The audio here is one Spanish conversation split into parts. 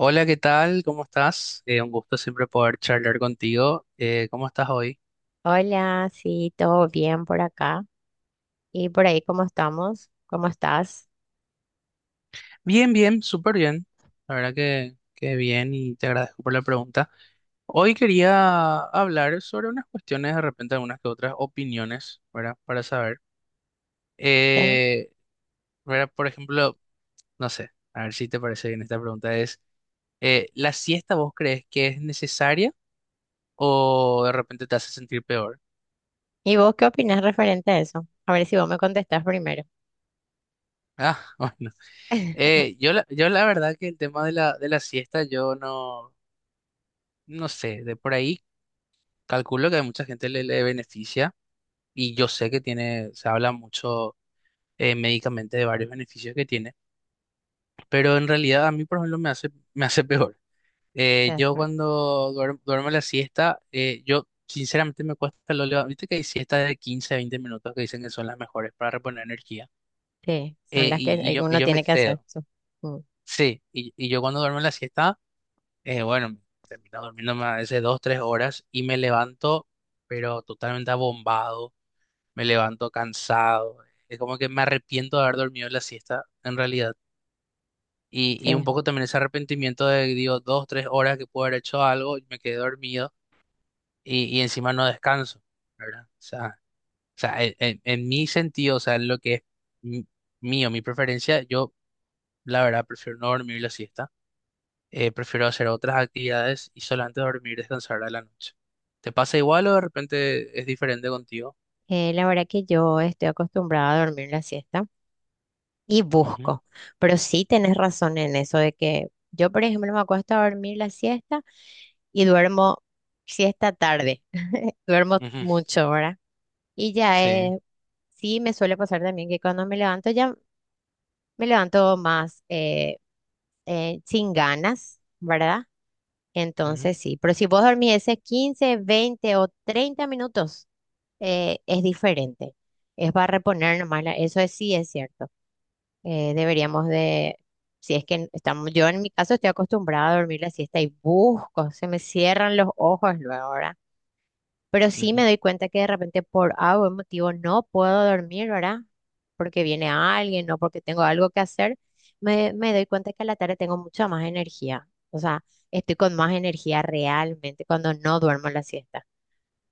Hola, ¿qué tal? ¿Cómo estás? Un gusto siempre poder charlar contigo. ¿Cómo estás hoy? Hola, sí, todo bien por acá. ¿Y por ahí cómo estamos? ¿Cómo estás? Bien, bien, súper bien. La verdad que bien y te agradezco por la pregunta. Hoy quería hablar sobre unas cuestiones, de repente algunas que otras opiniones, ¿verdad? Para saber. ¿Sí? Eh, ¿Verdad? Por ejemplo, no sé, a ver si te parece bien esta pregunta es, ¿la siesta vos crees que es necesaria o de repente te hace sentir peor? ¿Y vos qué opinas referente a eso? A ver si vos me contestás primero. Ah, bueno. Yo la verdad que el tema de la siesta, yo no, no sé, de por ahí calculo que a mucha gente le beneficia y yo sé que tiene, se habla mucho médicamente de varios beneficios que tiene, pero en realidad a mí, por ejemplo, me hace peor. Ya Yo sé. cuando duermo, duermo la siesta, yo sinceramente me cuesta, viste que hay siestas de 15 a 20 minutos que dicen que son las mejores para reponer energía. Sí, son las que Y uno yo me tiene que hacer. excedo, Mm. sí, y yo cuando duermo la siesta bueno, termino durmiendo a veces dos, tres horas y me levanto, pero totalmente abombado, me levanto cansado. Es como que me arrepiento de haber dormido la siesta, en realidad. Y un Sí. poco también ese arrepentimiento de, digo, dos, tres horas que puedo haber hecho algo y me quedé dormido y encima no descanso, ¿verdad? O sea, en mi sentido, o sea, en lo que es mi- mío, mi preferencia, yo la verdad prefiero no dormir la siesta, prefiero hacer otras actividades y solamente dormir y descansar a la noche. ¿Te pasa igual o de repente es diferente contigo? La verdad que yo estoy acostumbrada a dormir la siesta. Y Ujú, busco. Pero sí tenés razón en eso de que yo, por ejemplo, me acuesto a dormir la siesta y duermo siesta tarde. Duermo ujú, mucho, ¿verdad? Y ya sí. Sí me suele pasar también que cuando me levanto ya me levanto más sin ganas, ¿verdad? Ujú, Entonces sí, pero si vos dormís ese 15, 20 o 30 minutos, es diferente. Es para reponer nomás, sí es cierto, deberíamos de, si es que estamos, yo en mi caso estoy acostumbrada a dormir la siesta y busco, se me cierran los ojos luego, ¿verdad? Pero sí me ujú, doy cuenta que de repente por algún motivo no puedo dormir, ¿verdad? Porque viene alguien, no porque tengo algo que hacer, me doy cuenta que a la tarde tengo mucha más energía. O sea, estoy con más energía realmente cuando no duermo la siesta.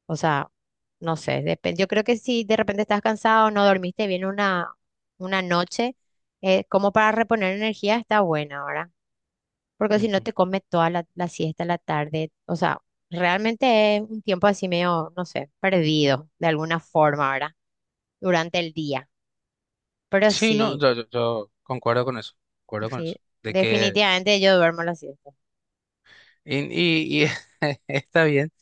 O sea, no sé, depende. Yo creo que si de repente estás cansado, no dormiste bien una noche, como para reponer energía está buena ahora, porque si no ujú. te comes toda la, la siesta, la tarde, o sea, realmente es un tiempo así medio, no sé, perdido de alguna forma ahora, durante el día. Pero Sí, no, sí, yo concuerdo con eso, concuerdo con sí, eso, de que, definitivamente yo duermo la siesta. Y está bien,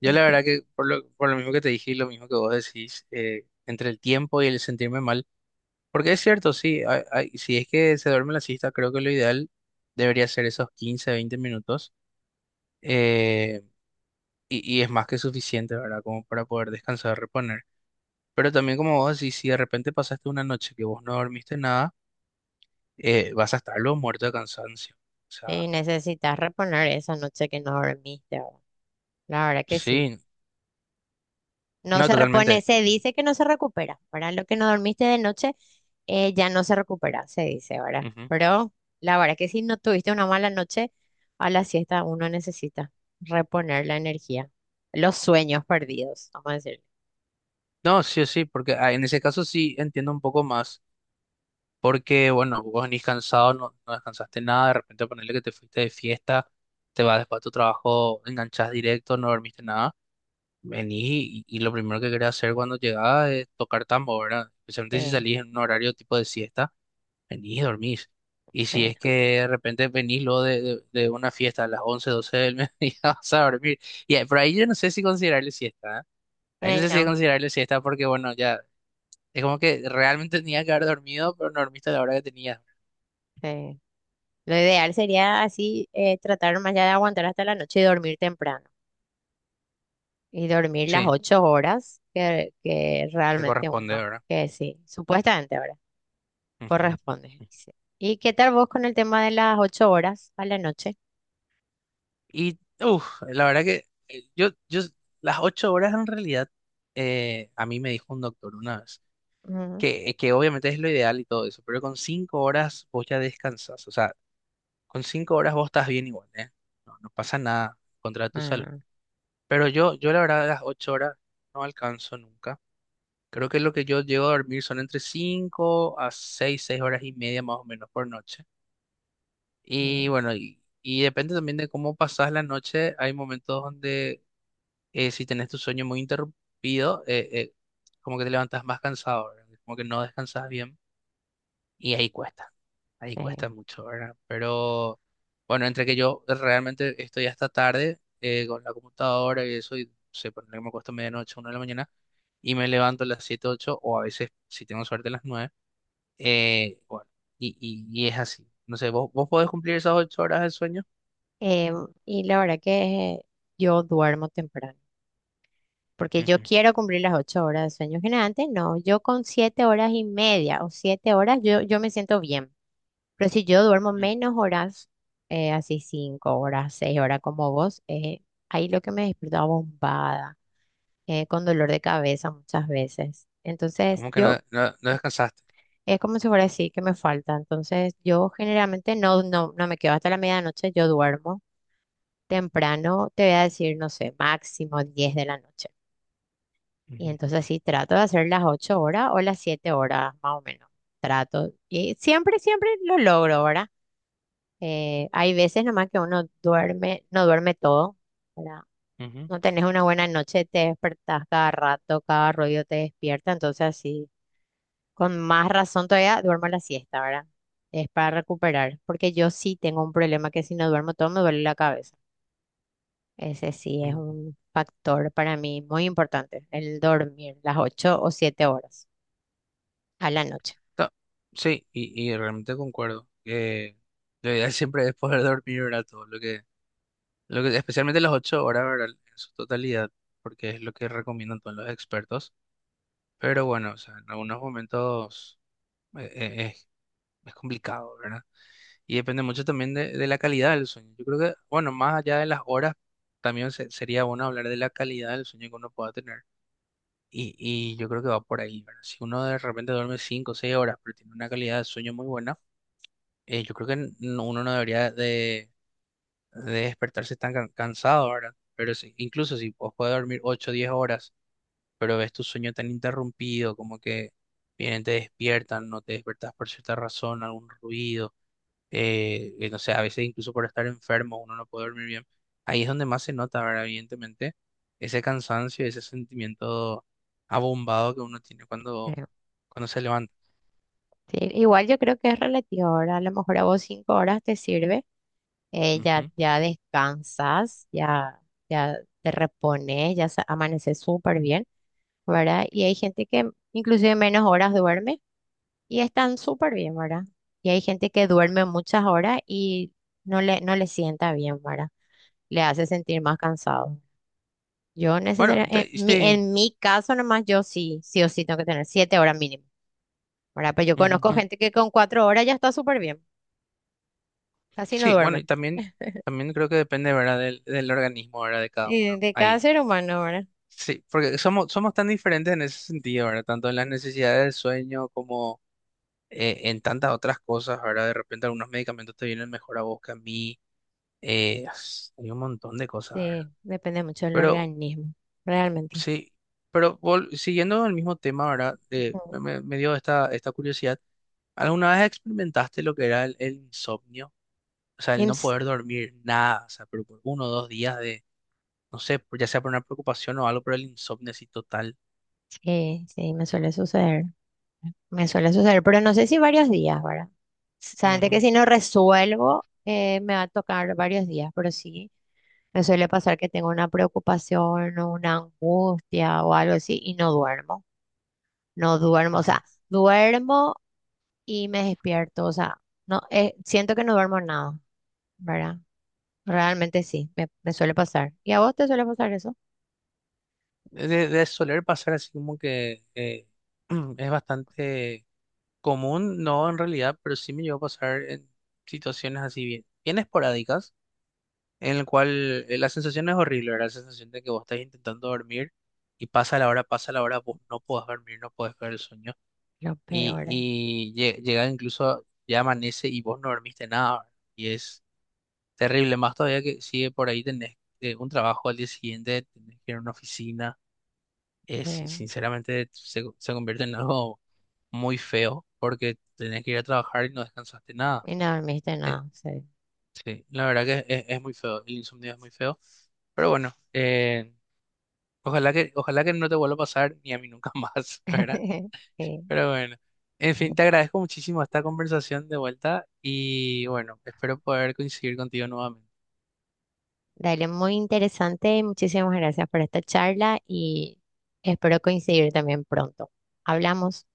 yo la verdad que por lo mismo que te dije y lo mismo que vos decís, entre el tiempo y el sentirme mal, porque es cierto, sí, si es que se duerme la siesta, creo que lo ideal debería ser esos 15, 20 minutos, eh, y es más que suficiente, ¿verdad? Como para poder descansar, reponer. Pero también como vos decís, si de repente pasaste una noche que vos no dormiste nada, vas a estar luego muerto de cansancio. O sea, Y necesitas reponer esa noche que no dormiste, ¿verdad? La verdad que sí. sí, No no, se repone, totalmente. Se dice que no se recupera, ¿verdad? Lo que no dormiste de noche ya no se recupera, se dice, ¿verdad? Ujú. Pero la verdad que si no tuviste una mala noche, a la siesta uno necesita reponer la energía, los sueños perdidos, vamos a decir. No, sí, sí, porque ah, en ese caso sí entiendo un poco más, porque bueno, vos venís cansado, no descansaste nada, de repente ponerle que te fuiste de fiesta, te vas después a tu trabajo, enganchás directo, no dormiste nada. Vení y lo primero que quería hacer cuando llegaba es tocar tambo, ¿verdad? Especialmente si Sí, salís en un horario tipo de siesta, venís y dormís. Y sí. si es que de repente venís luego de una fiesta a las 11 12 del mediodía, vas a dormir. Por ahí yo no sé si considerarle siesta, ¿eh? Ahí no sé si No, considerarle siesta porque, bueno, ya es como que realmente tenía que haber dormido, pero no dormiste a la hora que tenías. sí. Lo ideal sería así, tratar más allá de aguantar hasta la noche y dormir temprano. Y dormir las Sí, 8 horas que que realmente corresponde, uno, ¿verdad? que sí, supuestamente, ¿verdad? Ujú. Corresponde, dice. ¿Y qué tal vos con el tema de las 8 horas a la noche? Y uf, la verdad que yo, las ocho horas en realidad, a mí me dijo un doctor una vez, Mm, que obviamente es lo ideal y todo eso, pero con cinco horas vos ya descansás, o sea, con cinco horas vos estás bien igual, ¿eh? No, no pasa nada contra tu salud. ah, Pero yo la verdad las ocho horas no alcanzo nunca. Creo que lo que yo llego a dormir son entre cinco a seis, seis horas y media más o menos por noche. Y mm, bueno, y depende también de cómo pasás la noche. Hay momentos donde si tenés tu sueño muy interrumpido, como que te levantas más cansado, ¿verdad? Como que no descansas bien y ahí eh. cuesta mucho, ¿verdad? Pero bueno, entre que yo realmente estoy hasta tarde con la computadora y eso, y no sé, por que me acuesto medianoche, una de la mañana, y me levanto a las 7 8 o a veces, si tengo suerte, a las 9 bueno, y es así. No sé, ¿vos podés cumplir esas 8 horas de sueño? Eh, y la verdad que yo duermo temprano, porque yo Ujú, quiero cumplir las 8 horas de sueño generante. No, yo con 7 horas y media o 7 horas yo, yo me siento bien. Pero si yo duermo ujú. menos horas, así 5 horas, 6 horas como vos, ahí lo que me despierto bombada, con dolor de cabeza muchas veces. Entonces, ¿Cómo que yo no descansaste? es como si fuera así que me falta. Entonces, yo generalmente no, no, no me quedo hasta la medianoche, yo duermo temprano, te voy a decir, no sé, máximo 10 de la noche. Y Ujú, entonces sí, trato de hacer las 8 horas o las 7 horas, más o menos. Trato. Y siempre, siempre lo logro, ¿verdad? Hay veces nomás que uno duerme, no duerme todo, ¿verdad? ujú, No tenés una buena noche, te despertás cada rato, cada ruido te despierta, entonces sí, con más razón todavía duermo la siesta, ¿verdad? Es para recuperar, porque yo sí tengo un problema que si no duermo todo me duele la cabeza. Ese sí es ujú. un factor para mí muy importante, el dormir las 8 o 7 horas a la noche. No, sí, y realmente concuerdo que lo ideal siempre es poder dormir, ¿verdad? Todo lo que, especialmente las ocho horas, ¿verdad? En su totalidad, porque es lo que recomiendan todos los expertos. Pero bueno, o sea, en algunos momentos eh, eh, es, es complicado, ¿verdad? Y depende mucho también de la calidad del sueño. Yo creo que, bueno, más allá de las horas, también sería bueno hablar de la calidad del sueño que uno pueda tener. Y yo creo que va por ahí, ¿verdad? Si uno de repente duerme cinco o seis horas, pero tiene una calidad de sueño muy buena, yo creo que uno no debería de despertarse tan cansado, ¿verdad? Pero incluso si vos puedes dormir 8 o 10 horas, pero ves tu sueño tan interrumpido, como que vienen, te despiertan, no te despertás por cierta razón, algún ruido, no sé, a veces incluso por estar enfermo uno no puede dormir bien. Ahí es donde más se nota, ¿verdad? Evidentemente, ese cansancio, ese sentimiento abombado que uno tiene Creo. cuando se levanta. Sí, igual yo creo que es relativo, ahora a lo mejor a vos 5 horas te sirve, ya, Ujú. ya descansas, ya te repones, amaneces súper bien, ¿verdad? Y hay gente que inclusive menos horas duerme y están súper bien, ¿verdad? Y hay gente que duerme muchas horas y no le sienta bien, ¿verdad? Le hace sentir más cansado. Yo Bueno, necesariamente, en mi, sí. en mi caso nomás, yo sí, sí o sí tengo que tener 7 horas mínimo, ¿verdad? Pero yo conozco gente que con 4 horas ya está súper bien, casi no Sí, bueno, duerme. También creo que depende, ¿verdad? Del, del organismo, ¿verdad? De cada Y uno de cada ahí. ser humano, ¿verdad? Sí, porque somos, somos tan diferentes en ese sentido, ¿verdad? Tanto en las necesidades del sueño como en tantas otras cosas, ¿verdad? De repente algunos medicamentos te vienen mejor a vos que a mí. Hay un montón de cosas, ¿verdad? Sí, depende mucho del Pero organismo, realmente. sí, pero siguiendo el mismo tema, ¿verdad? Ujú. Me dio esta, esta curiosidad. ¿Alguna vez experimentaste lo que era el insomnio? O sea, Y el no ps- poder dormir nada, o sea, pero por uno o dos días, no sé, ya sea por una preocupación o algo por el insomnio así total. sí, sí, me suele suceder. Me suele suceder, pero no sé si varios días, ¿verdad? Saben que Ujú, si no resuelvo, me va a tocar varios días, pero sí, me suele pasar que tengo una preocupación o una angustia o algo así y no duermo, no duermo, o ajá. sea, duermo y me despierto, o sea, no, siento que no duermo nada, ¿verdad? Realmente sí, me suele pasar. ¿Y a vos te suele pasar eso? De soler pasar así como que es bastante común, no en realidad, pero sí me llegó a pasar en situaciones así bien, bien esporádicas, en el cual la sensación no es horrible, ¿verdad? La sensación de que vos estás intentando dormir y pasa la hora, vos no podés dormir, no podés ver el sueño Lo peor, y llega incluso, ya amanece y vos no dormiste nada, ¿verdad? Y es terrible, más todavía que sigue por ahí tenés un trabajo al día siguiente, tenés que ir a una oficina. Es, eh, sinceramente se convierte en algo muy feo porque tenés que ir a trabajar y no descansaste nada. y no dormiste Eh, nada, sí. sí, la verdad que es muy feo, el insomnio es muy feo. Pero bueno, ojalá que no te vuelva a pasar ni a mí nunca más, ¿verdad? Pero bueno, en Sí, fin, te agradezco muchísimo esta conversación de vuelta y bueno, espero poder coincidir contigo nuevamente. dale, muy interesante. Muchísimas gracias por esta charla y espero coincidir también pronto. Hablamos.